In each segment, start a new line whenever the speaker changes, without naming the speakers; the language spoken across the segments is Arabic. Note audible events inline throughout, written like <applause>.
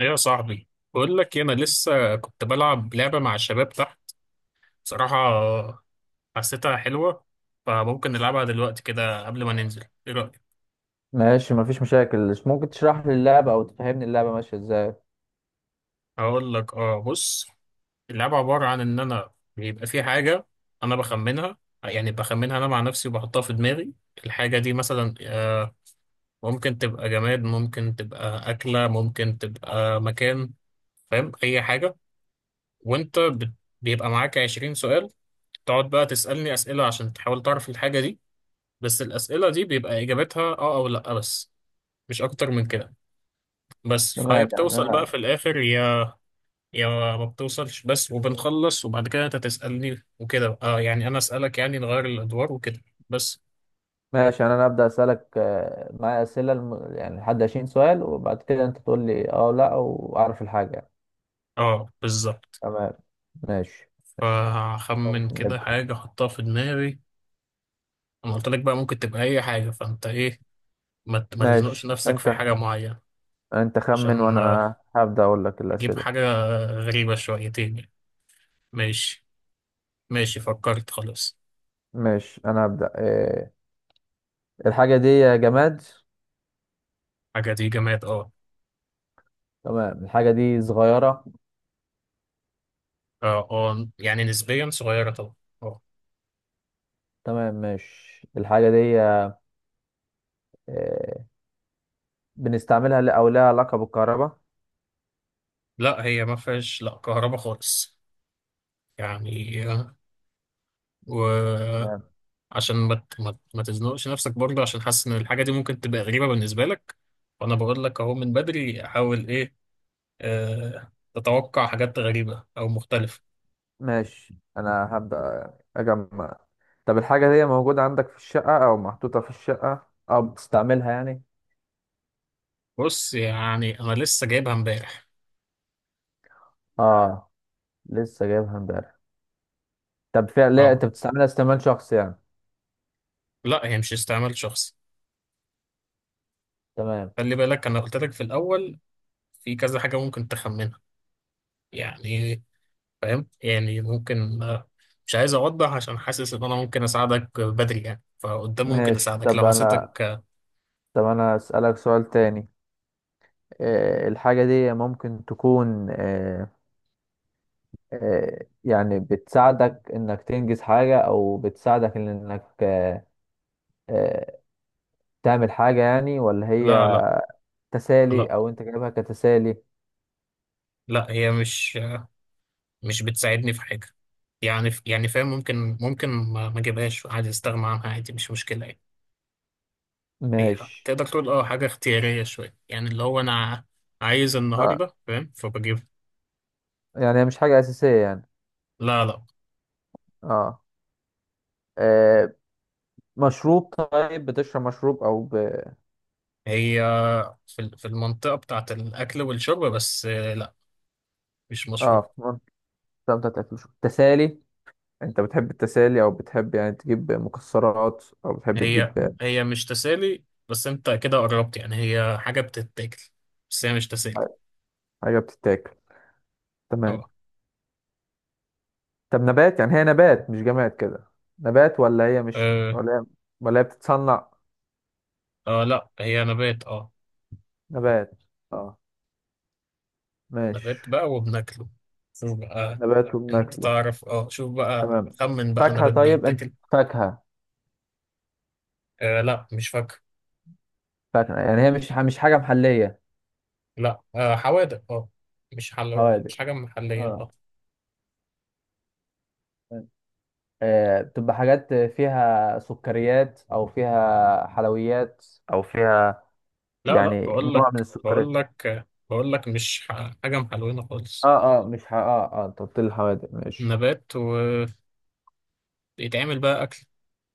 ايه يا صاحبي؟ بقول لك إيه، انا لسه كنت بلعب لعبه مع الشباب تحت. بصراحه حسيتها حلوه. فممكن نلعبها دلوقتي كده قبل ما ننزل، ايه رايك؟
ماشي، مفيش مشاكل. مش ممكن تشرح لي اللعبة أو تفهمني اللعبة ماشية إزاي؟
هقول لك، اه، بص. اللعبه عباره عن ان انا بيبقى في حاجه، انا بخمنها. يعني بخمنها انا مع نفسي وبحطها في دماغي. الحاجه دي مثلا ممكن تبقى جماد، ممكن تبقى اكله، ممكن تبقى مكان. فاهم؟ اي حاجه. وانت بت- بيبقى معاك 20 سؤال. تقعد بقى تسالني اسئله عشان تحاول تعرف الحاجه دي، بس الأسئلة دي بيبقى إجابتها آه أو لأ بس. مش أكتر من كده. بس فهي
تمام يعني
بتوصل بقى
أنا.
في الآخر، يا يا ما بتوصلش، بس وبنخلص. وبعد كده أنت تسألني وكده، آه يعني أنا أسألك، يعني نغير الأدوار وكده، بس.
ماشي يعني أنا أبدأ أسألك، معايا أسئلة يعني لحد 20 سؤال، وبعد كده أنت تقول لي أه لأ وأعرف الحاجة يعني.
آه بالظبط.
تمام، ماشي، ماشي.
فهخمن
ممكن
كده
نبدأ؟
حاجة أحطها في دماغي. أنا قلت لك بقى ممكن تبقى أي حاجة، فأنت إيه، ما تزنقش
ماشي.
نفسك
أنت
في حاجة معينة.
أنت خمن
عشان
وأنا هبدأ أقول لك
أجيب
الأسئلة.
حاجة غريبة شويتين يعني. ماشي. ماشي، فكرت خلاص.
ماشي، أنا هبدأ. الحاجة دي جماد؟
حاجة دي جماد، آه.
تمام، الحاجة دي صغيرة؟
اه، اه، يعني نسبيا صغيرة طبعا، اه.
تمام، ماشي، الحاجة دي، بنستعملها أو لها علاقة بالكهرباء؟
لا، هي ما فيهاش لا كهرباء خالص. يعني وعشان ما تزنقش نفسك برضه، عشان حاسس ان الحاجة دي ممكن تبقى غريبة بالنسبة لك، فانا بقول لك اهو من بدري، حاول ايه، آه، تتوقع حاجات غريبة او مختلفة.
ماشي، انا هبدأ اجمع. طب الحاجة دي موجودة عندك في الشقة او محطوطة في الشقة او بتستعملها يعني؟
بص يعني انا لسه جايبها امبارح.
اه، لسه جايبها امبارح؟ طب فعلا، لا
اه،
انت بتستعملها استعمال شخصي يعني؟
لا، هي مش استعمال شخصي.
تمام،
خلي بالك، انا قلت لك في الاول في كذا حاجة ممكن تخمنها، يعني فاهم؟ يعني ممكن مش عايز اوضح عشان حاسس ان انا ممكن اساعدك بدري، يعني فقدام ممكن
ماشي.
اساعدك لو
طب انا
حسيتك آه.
طب انا اسألك سؤال تاني. الحاجة دي ممكن تكون، يعني بتساعدك انك تنجز حاجة او بتساعدك إن انك، آه، تعمل حاجة يعني، ولا
لا،
هي
لا،
تسالي
لا،
او انت جايبها كتسالي؟
لا، هي مش مش بتساعدني في حاجه. يعني فاهم، ممكن ما اجيبهاش عادي، استغنى عنها عادي، مش مشكله يعني. هي
ماشي،
تقدر تقول اه، حاجه اختياريه شويه، يعني اللي هو انا عايز
آه،
النهارده، فاهم، فبجيب.
يعني هي مش حاجة أساسية يعني؟
لا، لا.
اه، آه، مشروب طيب، بتشرب مشروب أو
هي في المنطقه بتاعه الاكل والشرب بس، لا، مش مشروب.
اه. طب تاكل شو تسالي؟ أنت بتحب التسالي أو بتحب يعني تجيب مكسرات أو بتحب
هي
تجيب
هي مش تسالي، بس انت كده قربت، يعني هي حاجة بتتاكل، بس هي مش تسالي.
حاجة بتتاكل؟ تمام.
اه،
طب نبات يعني، هي نبات مش جماد كده؟ نبات ولا هي مش
اه.
ولا هي ولا هي بتتصنع؟
لا، هي نبات، اه.
نبات. اه، ماشي،
نبات بقى وبناكله. شوف بقى.
نبات
انت
وبناكله.
تعرف؟ اه، شوف بقى،
تمام.
خمن بقى،
فاكهة
نبات
طيب؟ أنت
بيتاكل.
فاكهة؟
آه لا، مش فاكهة.
يعني هي مش حاجة محلية؟
لا، آه، حوادق، اه.
حوالي،
مش حاجة محلية،
اه،
اه.
بتبقى حاجات فيها سكريات او فيها حلويات او فيها،
لا، لا،
يعني نوع من السكريات.
بقول لك مش حاجة محلوينة خالص.
اه، اه، مش ح... اه، اه، انت قلت لي الحوادق. ماشي،
نبات، ويتعمل بقى أكل.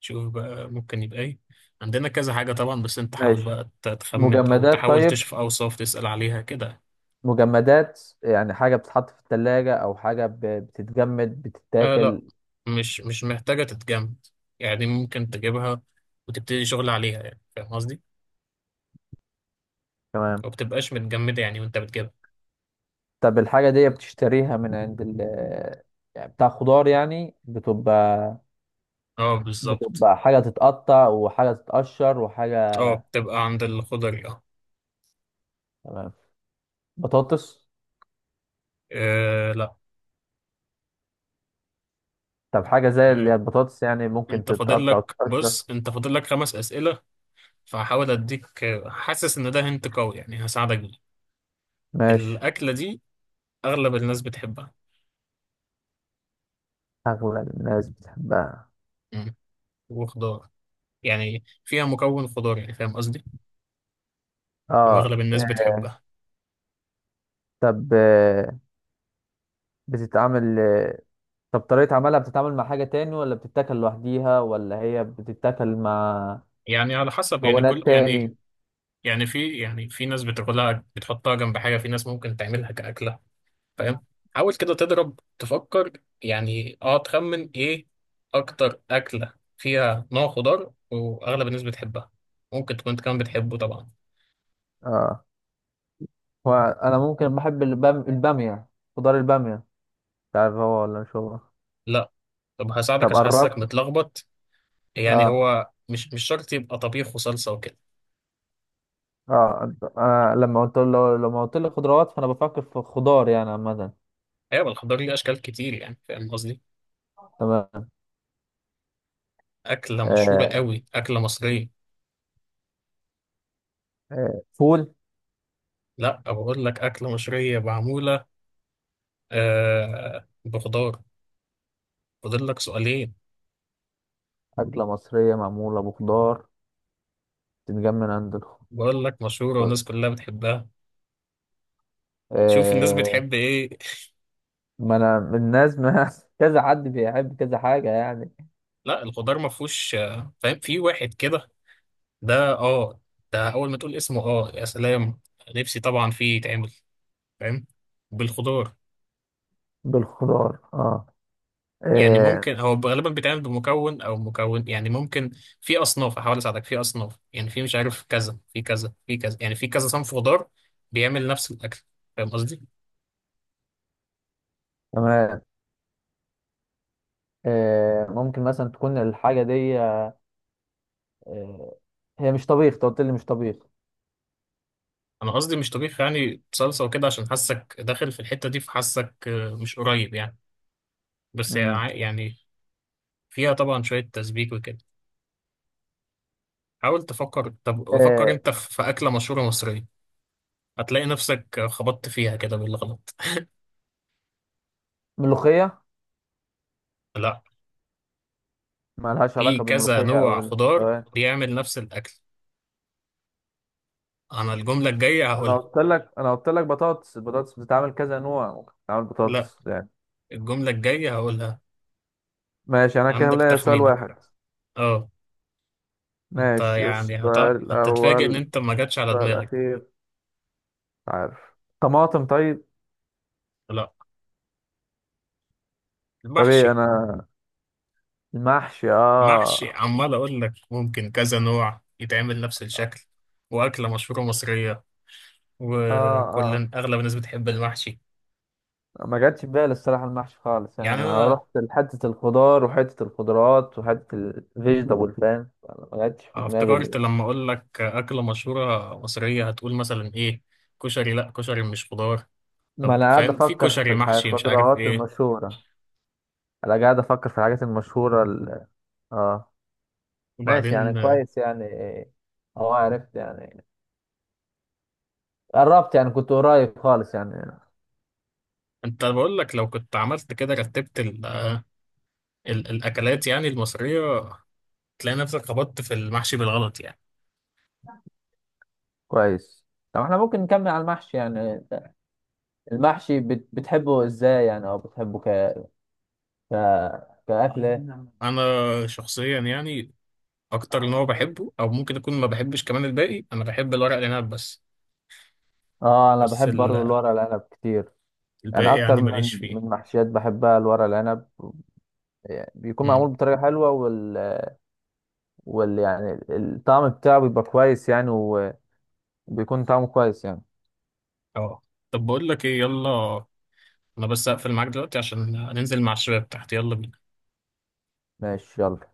شوف بقى ممكن يبقى ايه. عندنا كذا حاجة طبعا، بس انت حاول
ماشي.
بقى تخمن او
مجمدات
تحاول
طيب؟
تشوف اوصاف تسأل عليها كده.
مجمدات يعني حاجة بتتحط في التلاجة او حاجة بتتجمد
آه لا،
بتتاكل؟
مش محتاجة تتجمد، يعني ممكن تجيبها وتبتدي شغل عليها، يعني فاهم قصدي؟
تمام.
ما بتبقاش متجمدة يعني وانت بتجيبها.
طب الحاجة دي بتشتريها من عند ال، يعني بتاع خضار يعني بتبقى،
اه بالظبط.
حاجة تتقطع وحاجة تتقشر وحاجة.
اه، بتبقى عند الخضري، اه.
تمام. بطاطس؟
آه، لا.
طب حاجة زي اللي هي
آه.
البطاطس، يعني ممكن
انت فاضل
تتقطع
لك
وتتقشر.
بص، انت فاضل لك خمس أسئلة. فهحاول اديك حاسس ان ده هنت قوي يعني هساعدك بيه.
ماشي،
الأكلة دي أغلب الناس بتحبها.
أغلب الناس بتحبها.
وخضار، يعني فيها مكون خضاري، يعني فاهم قصدي؟
اه،
واغلب الناس بتحبها.
طب بتتعمل، طب طريقة عملها، بتتعامل مع حاجة تاني ولا بتتاكل لوحديها ولا هي بتتاكل مع
يعني على حسب، يعني
مكونات
كل يعني،
تاني؟
يعني في ناس بتاكلها بتحطها جنب حاجه، في ناس ممكن تعملها كاكله، فاهم؟ حاول كده تضرب، تفكر، يعني اه تخمن ايه اكتر اكله فيها نوع خضار واغلب الناس بتحبها، ممكن تكون انت كمان بتحبه طبعا.
اه، وأنا ممكن بحب البامية، خضار البامية. تعرف هو ولا مش هو؟
لا. طب هساعدك
طب
عشان حاسسك
قربت.
متلخبط. يعني
اه،
هو مش شرط يبقى طبيخ وصلصه وكده.
اه، لما قلت لي خضروات فأنا بفكر في خضار يعني عامة.
ايوه، الخضار ليه اشكال كتير، يعني فاهم قصدي؟
تمام،
أكلة مشهورة
آه،
قوي، أكلة مصرية.
فول؟
لا، بقول لك أكلة مصرية معمولة آه بخضار. فاضل لك سؤالين.
أكلة مصرية معمولة بخضار؟ بتتجمع من عند الخضار؟
بقول لك مشهورة والناس كلها بتحبها. شوف الناس
آه،
بتحب إيه.
ما أنا من الناس، ما <laughs> كذا حد بيحب كذا حاجة يعني.
لا، الخضار ما فيهوش فاهم، في واحد كده، ده آه، ده أول ما تقول اسمه آه يا سلام، نفسي طبعا فيه يتعمل، فاهم، بالخضار.
بالخضار اه،
يعني
آه،
ممكن هو غالبا بيتعمل بمكون او مكون، يعني ممكن في اصناف، احاول اساعدك، في اصناف يعني، في مش عارف كذا، في كذا، في كذا، يعني في كذا صنف خضار بيعمل نفس الاكل. فاهم قصدي؟
تمام. آه، ممكن مثلا تكون الحاجة دي، آه، هي مش طبيخ؟ أنت قلت لي مش طبيخ.
انا قصدي مش طبيخ يعني صلصه وكده، عشان حاسك داخل في الحته دي، فحاسك مش قريب يعني. بس هي
مم.
يعني فيها طبعا شويه تسبيك وكده. حاول تفكر، طب فكر
آه.
انت في اكله مشهوره مصريه، هتلاقي نفسك خبطت فيها كده بالغلط.
ملوخية؟
لا،
ما لهاش
في
علاقة
كذا
بالملوخية أو
نوع خضار
تمام.
بيعمل نفس الاكل. انا الجملة الجاية هقولها.
أنا قلت لك بطاطس، البطاطس بتتعمل كذا نوع، ممكن تتعمل
لا،
بطاطس يعني.
الجملة الجاية هقولها.
ماشي، أنا كده
عندك
ليا سؤال
تخمينة؟
واحد.
اه. انت
ماشي،
يعني
السؤال
هتتفاجئ ان
الأول،
انت ما جاتش على
السؤال
دماغك.
الأخير، عارف. طماطم طيب؟
لا،
طب إيه؟
المحشي.
أنا المحشي،
محشي، عمال اقول لك ممكن كذا نوع يتعمل نفس الشكل، واكلة مشهورة مصرية، وكل
آه
اغلب الناس بتحب المحشي.
ما جاتش في بالي الصراحة المحشي خالص، يعني
يعني
أنا
انا
رحت لحتة الخضار وحتة الخضروات وحتة الفيجيتابل فاهم، فأنا ما جاتش في
افتكرت
دماغي.
لما اقول لك اكلة مشهورة مصرية هتقول مثلا ايه، كشري، لا كشري مش خضار.
ما
طب
أنا قاعد
فاهم، في
أفكر في
كشري، محشي، مش عارف
الخضروات
ايه.
المشهورة. أنا قاعد أفكر في الحاجات المشهورة آه. ماشي يعني،
وبعدين،
كويس يعني، أه، عرفت يعني، قربت يعني، كنت قريب خالص يعني.
انت بقول لك لو كنت عملت كده رتبت ال ال الاكلات يعني المصريه، تلاقي نفسك خبطت في المحشي بالغلط يعني.
كويس. طب احنا ممكن نكمل على المحشي يعني. المحشي بتحبه ازاي يعني، او بتحبه ك ك كأكلة؟
انا شخصيا يعني اكتر نوع بحبه، او ممكن اكون ما بحبش كمان الباقي، انا بحب الورق العنب بس.
اه، انا
بس
بحب برضه الورق العنب كتير. يعني
الباقي
اكتر
يعني
من
ماليش فيه.
من محشيات بحبها الورق العنب، يعني بيكون معمول
امم.
بطريقة حلوة، وال يعني الطعم بتاعه بيبقى كويس يعني، وبيكون طعمه كويس يعني.
اه، طب بقول لك ايه، يلا، انا بس اقفل معاك دلوقتي عشان ننزل مع الشباب تحت. يلا بينا.
ماشي، يلا.